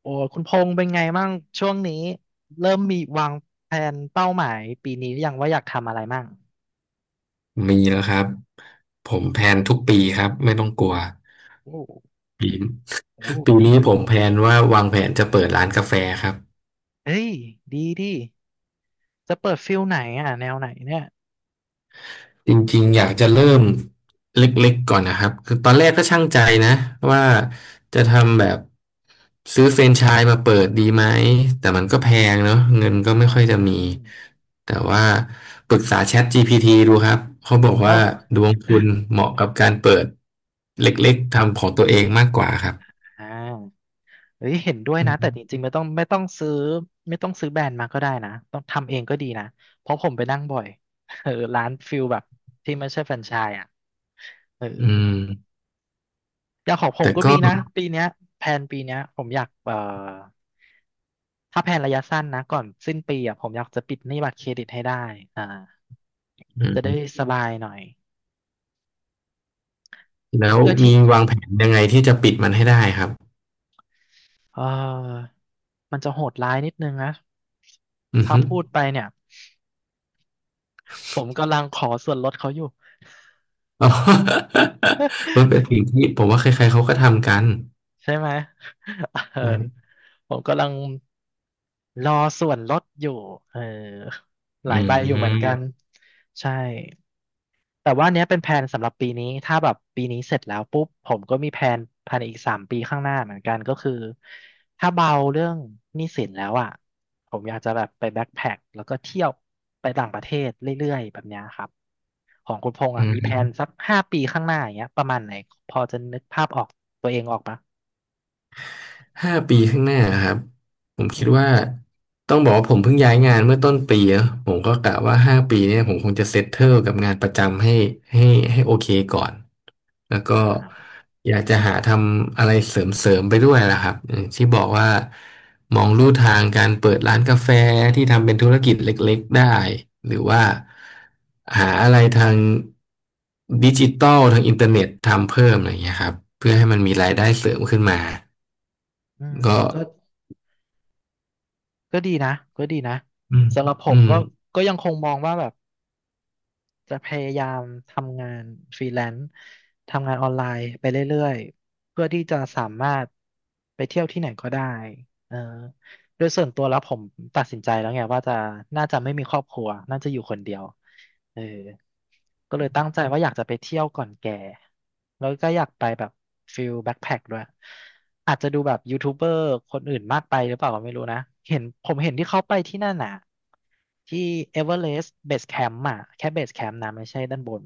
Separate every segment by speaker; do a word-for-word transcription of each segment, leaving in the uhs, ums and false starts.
Speaker 1: โอ้คุณพงษ์เป็นไงมั่งช่วงนี้เริ่มมีวางแผนเป้าหมายปีนี้หรือยังว่าอยากทำอะไรมั่ง
Speaker 2: มีแล้วครับผมแพลนทุกปีครับไม่ต้องกลัว
Speaker 1: โอ้
Speaker 2: ปี
Speaker 1: โอ้
Speaker 2: ปี
Speaker 1: ปี
Speaker 2: นี้ผ
Speaker 1: นี้
Speaker 2: มแพลนว่าวางแผนจะเปิดร้านกาแฟครับ
Speaker 1: เฮ้ยดีดีจะเปิดฟิลไหนอ่ะแนวไหนเนี่ย
Speaker 2: จริงๆอยากจะเริ่มเล็กๆก่อนนะครับคือตอนแรกก็ช่างใจนะว่าจะทำแบบซื้อแฟรนไชส์มาเปิดดีไหมแต่มันก็แพงเนอะเงินก็
Speaker 1: อ
Speaker 2: ไม่ค่อยจะมี
Speaker 1: ่า
Speaker 2: แต่ว่าปรึกษา ChatGPT ดูครับเขาบอก
Speaker 1: อ๋อ
Speaker 2: ว่าดวงคุณเหมาะกับการเปิดเล็กๆทำของตัวเองมา กกว่าครับ
Speaker 1: อ่าเฮ้ยเห็นด้วย
Speaker 2: อื
Speaker 1: นะแต่
Speaker 2: ม
Speaker 1: จริงๆไม่ต้องไม่ต้องซื้อไม่ต้องซื้อแบรนด์มาก็ได้นะต้องทำเองก็ดีนะเพราะผมไปนั่งบ่อย เออร้านฟิลแบบที่ไม่ใช่แฟรนไชส์อ่ะเออ
Speaker 2: อืม
Speaker 1: อย่างของผม
Speaker 2: แต่
Speaker 1: ก็
Speaker 2: ก็
Speaker 1: มีนะปีเนี้ยแผนปีเนี้ยผมอยากเอ่อถ้าแผนระยะสั้นนะก่อนสิ้นปีอ่ะผมอยากจะปิดหนี้บัตรเครดิตให้ได้อ่า
Speaker 2: อื
Speaker 1: จะได้
Speaker 2: ม
Speaker 1: สบายหน่อย
Speaker 2: แล้ว
Speaker 1: โดยที่
Speaker 2: มีวางแผนยังไงที่จะปิดมันให้ได้ครับ
Speaker 1: เออมันจะโหดร้ายนิดนึงนะ
Speaker 2: อือ
Speaker 1: ถ้า
Speaker 2: ฮึ
Speaker 1: พูดไปเนี่ยผมกำลังขอส่วนลดเขาอยู่
Speaker 2: อ๋อ มันเป็นสิ่งที่ผมว่าใครๆเขาก็ทำกัน
Speaker 1: ใช่ไหมเออ
Speaker 2: นะ
Speaker 1: ผมกำลังรอส่วนลดอยู่เออห
Speaker 2: อื
Speaker 1: ลายใบอยู่เหมือนกั
Speaker 2: ม
Speaker 1: นใช่ แต่ว่าเนี้ยเป็นแผนสำหรับปีนี้ถ้าแบบปีนี้เสร็จแล้วปุ๊บผมก็มีแผนภายในอีกสามปีข้างหน้าเหมือนกันก็คือถ้าเบาเรื่องหนี้สินแล้วอ่ะผมอยากจะแบบไปแบ็คแพ็คแล้วก็เที่ยวไปต่างประเทศเรื่อยๆแบบเนี้ยครับของคุณพงษ์
Speaker 2: อื
Speaker 1: อ่ะมีแผ
Speaker 2: ม
Speaker 1: นสักห้าปีข้างหน้าอย่างเงี้ยประมาณไหนพอจะนึกภาพออกตัวเองออกปะ
Speaker 2: ห้าปีข้างหน้าครับผม
Speaker 1: อื
Speaker 2: คิด
Speaker 1: ม
Speaker 2: ว่าต้องบอกว่าผมเพิ่งย้ายงานเมื่อต้นปีเนอะผมก็กะว่าห้าปีเนี่ยผมคงจะเซตเทิลกับงานประจำให้ให้ให้โอเคก่อน แล้วก็
Speaker 1: อ่า
Speaker 2: อยากจะหาทำอะไรเสริมๆไปด้วยล่ะครับอมที่บอกว่ามองลู่ทางการเปิดร้านกาแฟที่ทำเป็นธุรกิจเล็กๆได้หรือว่าหาอะไรทางดิจิตอลทางอินเทอร์เน็ตทำเพิ่มอะไรอย่างเงี้ยครับเพื่อให้มันมีรายได้เสริมขึ้นมา
Speaker 1: อืม
Speaker 2: ก็
Speaker 1: ก็ก็ดีนะก็ดีนะ
Speaker 2: อืม
Speaker 1: สำหรับผ
Speaker 2: อื
Speaker 1: ม
Speaker 2: ม
Speaker 1: ก็ก็ยังคงมองว่าแบบ จะพยายามทำงานฟรีแลนซ์ทำงานออนไลน์ไปเรื่อยๆเพื่อที่จะสามารถไปเที่ยวที่ไหนก็ได้เออ โดยส่วนตัวแล้วผมตัดสินใจแล้วไงว่าจะน่าจะไม่มีครอบครัวน่าจะอยู่คนเดียวเออก็เลยตั้งใจว่าอยากจะไปเที่ยวก่อนแก่แล้วก็อยากไปแบบฟิลแบ็คแพ็คด้วยอาจจะดูแบบยูทูบเบอร์คนอื่นมากไปหรือเปล่าก็ไม่รู้นะเห็นผมเห็นที่เขาไปที่นั่นน่ะที่เอเวอเรสต์เบสแคมป์อ่ะแค่เบสแคมป์นะไม่ใช่ด้านบน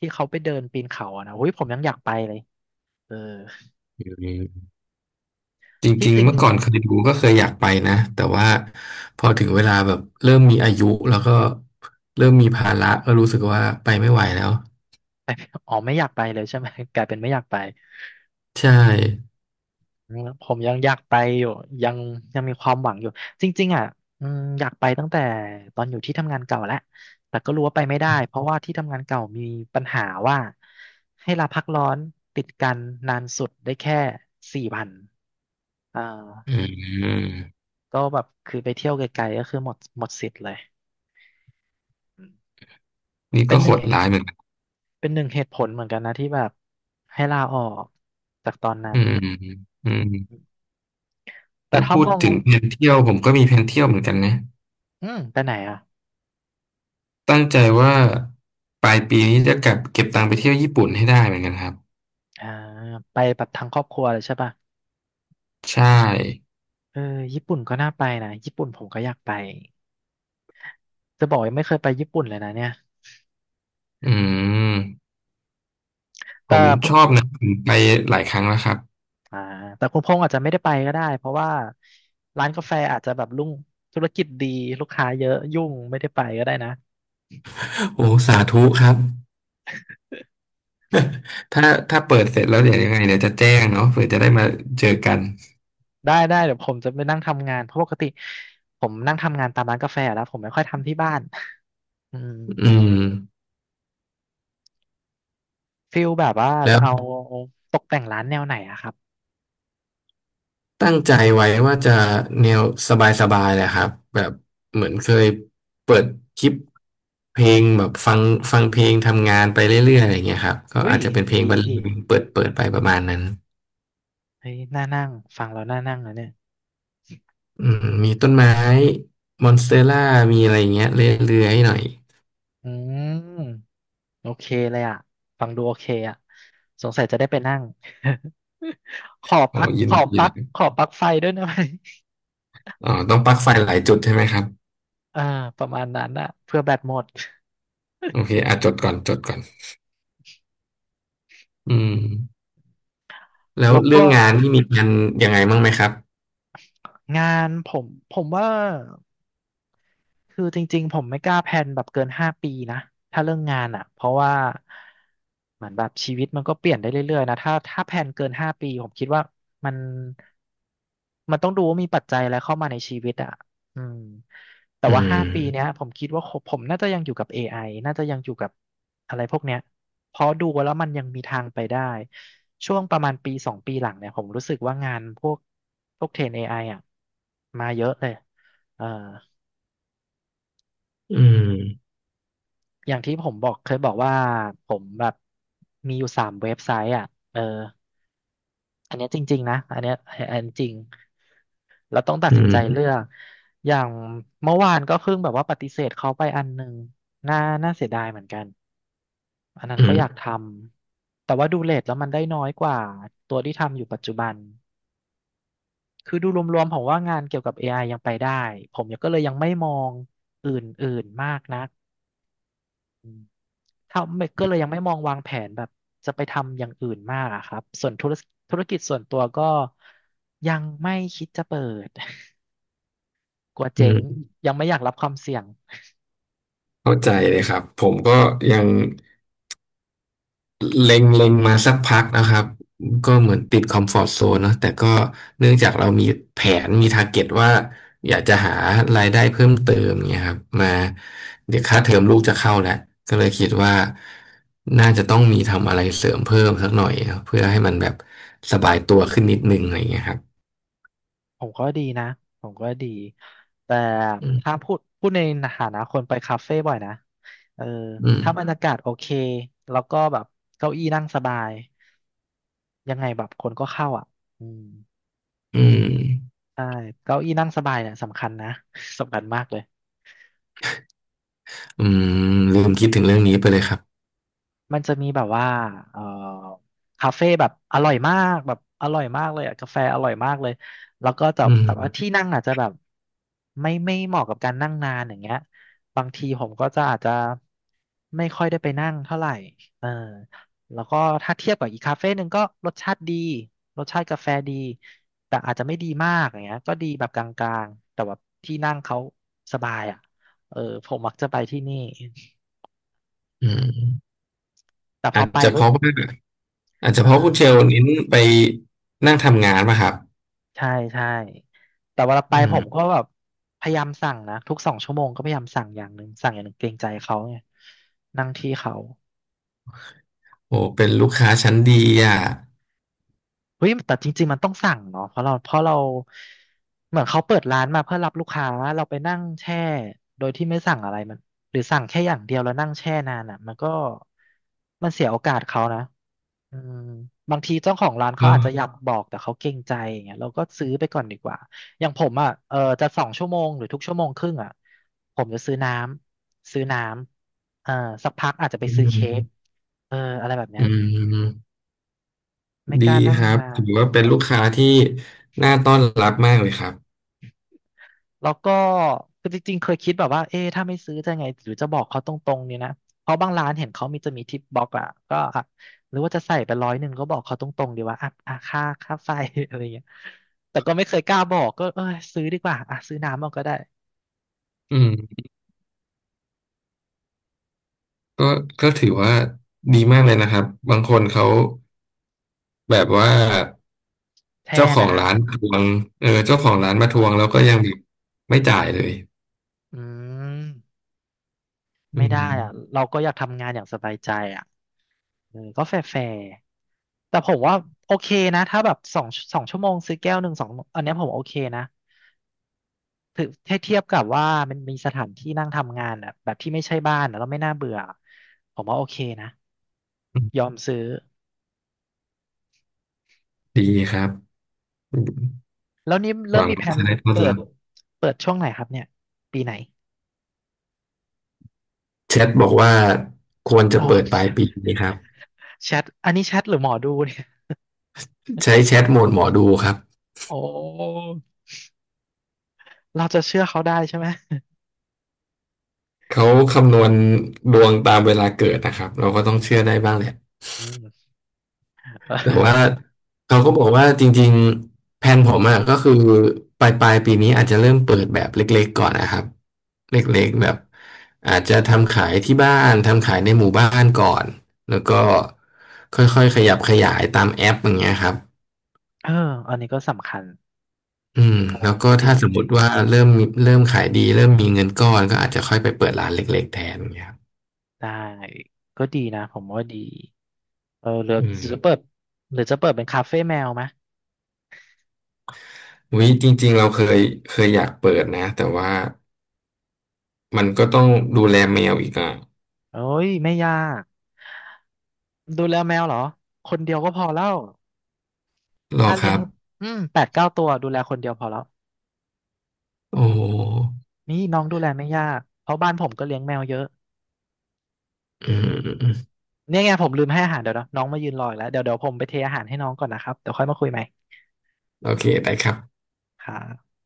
Speaker 1: ที่เขาไปเดินปีนเขาอ่ะนะอุ้ยผมยังอยากไปเลยเออ
Speaker 2: จ
Speaker 1: ที่
Speaker 2: ริง
Speaker 1: จริ
Speaker 2: ๆ
Speaker 1: ง
Speaker 2: เมื่อก่อนเคยดูก็เคยอยากไปนะแต่ว่าพอถึงเวลาแบบเริ่มมีอายุแล้วก็เริ่มมีภาระก็รู้สึกว่าไปไม่ไหวแล้ว
Speaker 1: อ๋อไม่อยากไปเลยใช่ไหม กลายเป็นไม่อยากไป
Speaker 2: ใช่
Speaker 1: อืมผมยังอยากไปอยู่ยังยังมีความหวังอยู่จริงๆอ่ะอืมอยากไปตั้งแต่ตอนอยู่ที่ทำงานเก่าแล้วแต่ก็รู้ว่าไปไม่ได้เพราะว่าที่ทำงานเก่ามีปัญหาว่าให้ลาพักร้อนติดกันนานสุดได้แค่สี่วันอ่
Speaker 2: อื
Speaker 1: า
Speaker 2: ม
Speaker 1: ก็แบบคือไปเที่ยวไกลๆก็คือหมดหมดสิทธิ์เลย
Speaker 2: นี่
Speaker 1: เป็
Speaker 2: ก็
Speaker 1: นห
Speaker 2: โห
Speaker 1: นึ่ง
Speaker 2: ด
Speaker 1: เหตุ
Speaker 2: ร้ายเหมือนกัน
Speaker 1: เป็นหนึ่งเหตุผลเหมือนกันนะที่แบบให้ลาออกจากตอนนั้
Speaker 2: อื
Speaker 1: น
Speaker 2: มอืม
Speaker 1: แต่
Speaker 2: ถ้า
Speaker 1: ถ้า
Speaker 2: พู
Speaker 1: ม
Speaker 2: ด
Speaker 1: อง
Speaker 2: ถึงแผนเที่ยวผมก็มีแผนเที่ยวเหมือนกันนะ
Speaker 1: อืมไปไหนอ่ะ
Speaker 2: ตั้งใจว่าปลายปีนี้จะกลับเก็บตังค์ไปเที่ยวญี่ปุ่นให้ได้เหมือนกันครับ
Speaker 1: อ่าไปแบบทั้งครอบครัวเลยใช่ป่ะ
Speaker 2: ใช่
Speaker 1: เออญี่ปุ่นก็น่าไปนะญี่ปุ่นผมก็อยากไปจะบอกยังไม่เคยไปญี่ปุ่นเลยนะเนี่ย
Speaker 2: อืมผ
Speaker 1: แต่
Speaker 2: ม
Speaker 1: คุณ
Speaker 2: ชอบนะผมไปหลายครั้งแล้วครับ
Speaker 1: อ่าแต่คุณพงษ์อาจจะไม่ได้ไปก็ได้เพราะว่าร้านกาแฟอาจจะแบบรุ่งธุรกิจดีลูกค้าเยอะยุ่งไม่ได้ไปก็ได้นะ
Speaker 2: โอ้สาธุครับ ถ้าถ้าเปิดเสร็จแล้วเดี๋ยวยังไงเดี๋ยวจะแจ้งเนาะเผื่อจะได้มาเจอกัน
Speaker 1: ได้ได้เดี๋ยวผมจะไปนั่งทำงานเพราะปกติผมนั่งทำงานตามร้านกาแฟแล้วผมไม่ค่อยทำที่บ้านอืม
Speaker 2: อืม
Speaker 1: ฟิลแบบว่า
Speaker 2: แล้
Speaker 1: จะ
Speaker 2: ว
Speaker 1: เอาตกแต่งร้านแนวไหนอะครับ
Speaker 2: ตั้งใจไว้ว่าจะแนวสบายๆแหละครับแบบเหมือนเคยเปิดคลิปเพลงแบบฟังฟังเพลงทำงานไปเรื่อยๆอะไรอย่างเงี้ยครับก็
Speaker 1: อุ้
Speaker 2: อา
Speaker 1: ย
Speaker 2: จจะเป็นเพลง
Speaker 1: ดี
Speaker 2: บรร
Speaker 1: ดี
Speaker 2: เลงเปิดเปิดไปประมาณนั้น
Speaker 1: เฮ้ยน่านั่งฟังแล้วน่านั่งนะเนี่ย
Speaker 2: อืมมีต้นไม้มอนสเตอร่ามีอะไรอย่างเงี้ยเรื่อยๆหน่อย
Speaker 1: อืม โอเคเลยอ่ะฟังดูโอเคอ่ะสงสัยจะได้ไปนั่ง ขอ
Speaker 2: โอ้
Speaker 1: ปลั๊ก
Speaker 2: ยิ
Speaker 1: ข
Speaker 2: น
Speaker 1: อ
Speaker 2: ดี
Speaker 1: ป
Speaker 2: เล
Speaker 1: ลั๊ก
Speaker 2: ย
Speaker 1: ขอปลั๊กไฟด้วยนะไหม
Speaker 2: อ๋อต้องปลั๊กไฟหลายจุดใช่ไหมครับ
Speaker 1: อ่าประมาณนั้นอ่ะเพื่อแบตหมด
Speaker 2: โอเคอ่ะจดก่อนจดก่อนอืม แล้ว
Speaker 1: แล้ว
Speaker 2: เรื่อ
Speaker 1: ก็
Speaker 2: งงานที่มีกันยังไงบ้างไหมครับ
Speaker 1: งานผมผมว่า คือจริงๆผมไม่กล้าแพลนแบบเกินห้าปีนะถ้าเรื่องงานอ่ะเพราะว่าเหมือนแบบชีวิตมันก็เปลี่ยนได้เรื่อยๆนะถ้าถ้าแพลนเกินห้าปีผมคิดว่ามันมันต้องดูว่ามีปัจจัยอะไรเข้ามาในชีวิตอ่ะอืมแต่
Speaker 2: อื
Speaker 1: ว่าห้าปีเนี้ย
Speaker 2: ม
Speaker 1: ผมคิดว่าผมผมน่าจะยังอยู่กับ เอ ไอ น่าจะยังอยู่กับอะไรพวกเนี้ยเพราะดูแล้วมันยังมีทางไปได้ช่วงประมาณปีสองปีหลังเนี่ยผมรู้สึกว่างานพวกพวกเทรน เอ ไอ อไออ่ะมาเยอะเลยเออ
Speaker 2: อืม
Speaker 1: อย่างที่ผมบอกเคยบอกว่าผมแบบมีอยู่สามเว็บไซต์อ่ะเอออันเนี้ยจริงๆนะอันเนี้ยอันจริงเราต้องตัด
Speaker 2: อื
Speaker 1: สินใจอื
Speaker 2: ม
Speaker 1: เลืมอกอย่างเมื่อวานก็เพิ่งแบบว่าปฏิเสธเขาไปอันหนึ่งน่าน่าเสียดายเหมือนกันอันนั้น
Speaker 2: อื
Speaker 1: ก็อยาก
Speaker 2: ม
Speaker 1: ทำแต่ว่าดูเรทแล้วมันได้น้อยกว่าตัวที่ทำอยู่ปัจจุบันคือดูรวมๆผมว่างานเกี่ยวกับ เอ ไอ ยังไปได้ผมก็เลยยังไม่มองอื่นๆมากนัก ทำก็เลยยังไม่มองวางแผนแบบจะไปทำอย่างอื่นมากอะครับส่วนธุรธุรกิจส่วนตัวก็ยังไม่คิดจะเปิด กลัว
Speaker 2: อื
Speaker 1: เจ๊ง
Speaker 2: ม
Speaker 1: ยังไม่อยากรับความเสี่ยง
Speaker 2: เข้าใจเลยครับ ผมก็ยังเล็งเล็งมาสักพักนะครับ ก็เหมือนติดคอมฟอร์ z โซนเนอะแต่ก็เนื่องจากเรามีแผนมี t า r g เก็ตว่าอยากจะหารายได้เพิ่มเติมเนี่ยครับมาเดี๋ยวค่าเทอมลูกจะเข้าแล้วก็เลยคิดว่าน่าจะต้องมีทำอะไรเสริมเพิ่มสักหน่อยครับเพื่อให้มันแบบสบายตัวขึ้นนิดนึงอะไรอย่างเงี้ยครับ
Speaker 1: ผมก็ดีนะผมก็ดีแต่
Speaker 2: อื
Speaker 1: ถ้า
Speaker 2: ม
Speaker 1: พูดพูดในฐานะคนไปคาเฟ่บ่อยนะเออ
Speaker 2: อื
Speaker 1: ถ้าบร
Speaker 2: ม
Speaker 1: รยากาศโอเคแล้วก็แบบเก้าอี้นั่งสบายยังไงแบบคนก็เข้าอ่ะอืม
Speaker 2: อืม
Speaker 1: ใช่เก้าอี้นั่งสบายเนี่ยสำคัญนะ สำคัญมากเลย
Speaker 2: อืมลืมคิดถึงเรื่องนี้ไปเลยครับ
Speaker 1: มันจะมีแบบว่าเอ่อคาเฟ่แบบอร่อยมากแบบอร่อยมากเลยอะกาแฟอร่อยมากเลยแล้วก็จะ
Speaker 2: อื
Speaker 1: แต่ว่า
Speaker 2: ม
Speaker 1: ที่นั่งอาจจะแบบไม่ไม่เหมาะกับการนั่งนานอย่างเงี้ยบางทีผมก็จะอาจจะไม่ค่อยได้ไปนั่งเท่าไหร่เออแล้วก็ถ้าเทียบกับอีกคาเฟ่หนึ่งก็รสชาติดีรสชาติกาแฟดีแต่อาจจะไม่ดีมากอย่างเงี้ยก็ดีแบบกลางๆแต่ว่าที่นั่งเขาสบายอ่ะเออผมมักจะไปที่นี่
Speaker 2: อืม
Speaker 1: แต่พ
Speaker 2: อา
Speaker 1: อ
Speaker 2: จ
Speaker 1: ไป
Speaker 2: จะเพ
Speaker 1: ปุ๊บ
Speaker 2: ราะว่าอาจจะ
Speaker 1: เออ
Speaker 2: เพราะคุณเชลเน้นไปนั่งทำงานมาครับ
Speaker 1: ใช่ใช่แต่เวลาไป
Speaker 2: อื
Speaker 1: ผม
Speaker 2: ม
Speaker 1: ก็แบบพยายามสั่งนะทุกสองชั่วโมงก็พยายามสั่งอย่างหนึ่งสั่งอย่างหนึ่งเกรงใจเขาไงนั่งที่เขา
Speaker 2: โอ้เป็นลูกค้าชั้นดีอ่ะ
Speaker 1: เฮ้ยแต่จริงๆมันต้องสั่งเนาะเพราะเราเพราะเราเหมือนเขาเปิดร้านมาเพื่อรับลูกค้าเราไปนั่งแช่โดยที่ไม่สั่งอะไรมันหรือสั่งแค่อย่างเดียวแล้วนั่งแช่นานอ่ะมันก็มันเสียโอกาสเขานะ อืมบางทีเจ้าของร้าน
Speaker 2: อ๋
Speaker 1: เขาอาจจะอยา
Speaker 2: อ
Speaker 1: กบอกแต่เขาเกรงใจอย่างเงี้ยเราก็ซื้อไปก่อนดีกว่าอย่างผมอ่ะเออจะสองชั่วโมงหรือทุกชั่วโมงครึ่งอ่ะผมจะซื้อน้ำซื้อน้ำเอ่าสักพักอาจจะไป
Speaker 2: อื
Speaker 1: ซื้อเค้ก
Speaker 2: ม
Speaker 1: เอออะไรแบบเนี้
Speaker 2: อื
Speaker 1: ย
Speaker 2: ม
Speaker 1: ไม่
Speaker 2: ดี
Speaker 1: กล้านั่
Speaker 2: ค
Speaker 1: ง
Speaker 2: รับ
Speaker 1: นา
Speaker 2: ถื
Speaker 1: น
Speaker 2: อว่าเป็นลูกค้าที่น่าต้อนรับมากเลยครับ
Speaker 1: แล้วก็คือจริงๆเคยคิดแบบว่าเอ๊ะถ้าไม่ซื้อจะไงหรือจะบอกเขาตรงๆเนี่ยนะเพราะบางร้านเห็นเขามีจะมีทิปบ็อกอะก็อ่ะหรือว่าจะใส่ไปร้อยหนึ่งก็บอกเขาตรงๆดีว่าอ่ะอ่ะค่าค่าไฟ อะไรเงี้ยแต่ก็ไม่เคยกล้าบอกก็เออซื้อดีกว่าอ่ะซื้อน้ำมันก็ได้
Speaker 2: อืมก็ก็ถือว่าดีมากเลยนะครับบางคนเขาแบบว่า
Speaker 1: แช่
Speaker 2: เจ้าขอ
Speaker 1: นา
Speaker 2: ง
Speaker 1: น
Speaker 2: ร้านมาทวงเออเจ้าของร้านมา
Speaker 1: เอ
Speaker 2: ท
Speaker 1: อ
Speaker 2: วงแล้วก็ยังแบบไม่จ่ายเลย
Speaker 1: อืม
Speaker 2: อื
Speaker 1: ไม่ได้
Speaker 2: ม
Speaker 1: อ่ะเราก็อยากทำงานอย่างสบายใจอ่ะเออก็แฟร์ๆแต่ผมว่าโอเคนะถ้าแบบสองสองชั่วโมงซื้อแก้วหนึ่งสองอันเนี้ยผมโอเคนะ ถือถ้าเทียบกับว่ามันมีสถานที่นั่งทำงานอ่ะแบบที่ไม่ใช่บ้านอ่ะแล้วไม่น่าเบื่อผมว่าโอเคนะ
Speaker 2: อืม
Speaker 1: ยอมซื้อ
Speaker 2: ดีครับ
Speaker 1: แล้วนี่
Speaker 2: ห
Speaker 1: เริ่ม
Speaker 2: วัง
Speaker 1: มีแผ
Speaker 2: ว่า
Speaker 1: น
Speaker 2: จะได้ต้อน
Speaker 1: เปิ
Speaker 2: รั
Speaker 1: ด
Speaker 2: บ
Speaker 1: เปิดช่วงไหนครับเนี่ยปีไหน
Speaker 2: แชทบอกว่าควรจะ
Speaker 1: โอ้
Speaker 2: เปิดปลายปีนี้ครับ
Speaker 1: แชทอันนี้แชทหรือหมอดูเนี่ย
Speaker 2: ใช้แชทโหมดหมอดูครับ
Speaker 1: โอ้เราจะเชื่อเขาได้ใช่ไหม
Speaker 2: เขาคำนวณดวงตามเวลาเกิดนะครับเราก็ต้องเชื่อได้บ้างแหละ
Speaker 1: อืมเ
Speaker 2: แต่ว่า
Speaker 1: ออ
Speaker 2: เขาก็บอกว่าจริงๆแผนผมอะก็คือปลายปลายปีนี้อาจจะเริ่มเปิดแบบเล็กๆก่อนนะครับเล็กๆแบบอาจจะทำขายที่บ้านทำขายในหมู่บ้านก่อนแล้วก็ค่อยๆขยับขยายตามแอปอย่างเงี้ยครับ
Speaker 1: เอออันนี้ก็สำคัญ
Speaker 2: อืม
Speaker 1: เออ
Speaker 2: แล้วก็
Speaker 1: จริ
Speaker 2: ถ้า
Speaker 1: ง
Speaker 2: สม
Speaker 1: จ
Speaker 2: ม
Speaker 1: ริง
Speaker 2: ติว่าเริ่มมีเริ่มขายดีเริ่มมีเงินก้อนก็อาจจะค่อยไปเปิดร้านเล็กๆแทนอย่างเงี้ยครับ
Speaker 1: ได้ก็ดีนะผมว่าดีเออหรือ
Speaker 2: อืม
Speaker 1: จะเปิดหรือจะเปิดเป็นคาเฟ่แมวไหม
Speaker 2: วิจริงๆเราเคยเคยอยากเปิดนะแต่ว่ามันก็ต้องดูแลแมวอีกอ่ะ
Speaker 1: เอ้ยไม่ยากดูแลแมวเหรอคนเดียวก็พอแล้ว
Speaker 2: รอ
Speaker 1: ถ้า
Speaker 2: ค
Speaker 1: เลี้ย
Speaker 2: รั
Speaker 1: ง
Speaker 2: บ
Speaker 1: อืมแปดเก้าตัวดูแลคนเดียวพอแล้ว
Speaker 2: โอ้
Speaker 1: นี่น้องดูแลไม่ยากเพราะบ้านผมก็เลี้ยงแมวเยอะ
Speaker 2: อืมอืมอืม
Speaker 1: เนี่ยไงผมลืมให้อาหารเดี๋ยวนะน้องมายืนรออีกแล้วเดี๋ยวเดี๋ยวผมไปเทอาหารให้น้องก่อนนะครับเดี๋ยวค่อยมาคุยใหม่
Speaker 2: โอเคได้ครับ
Speaker 1: ครับ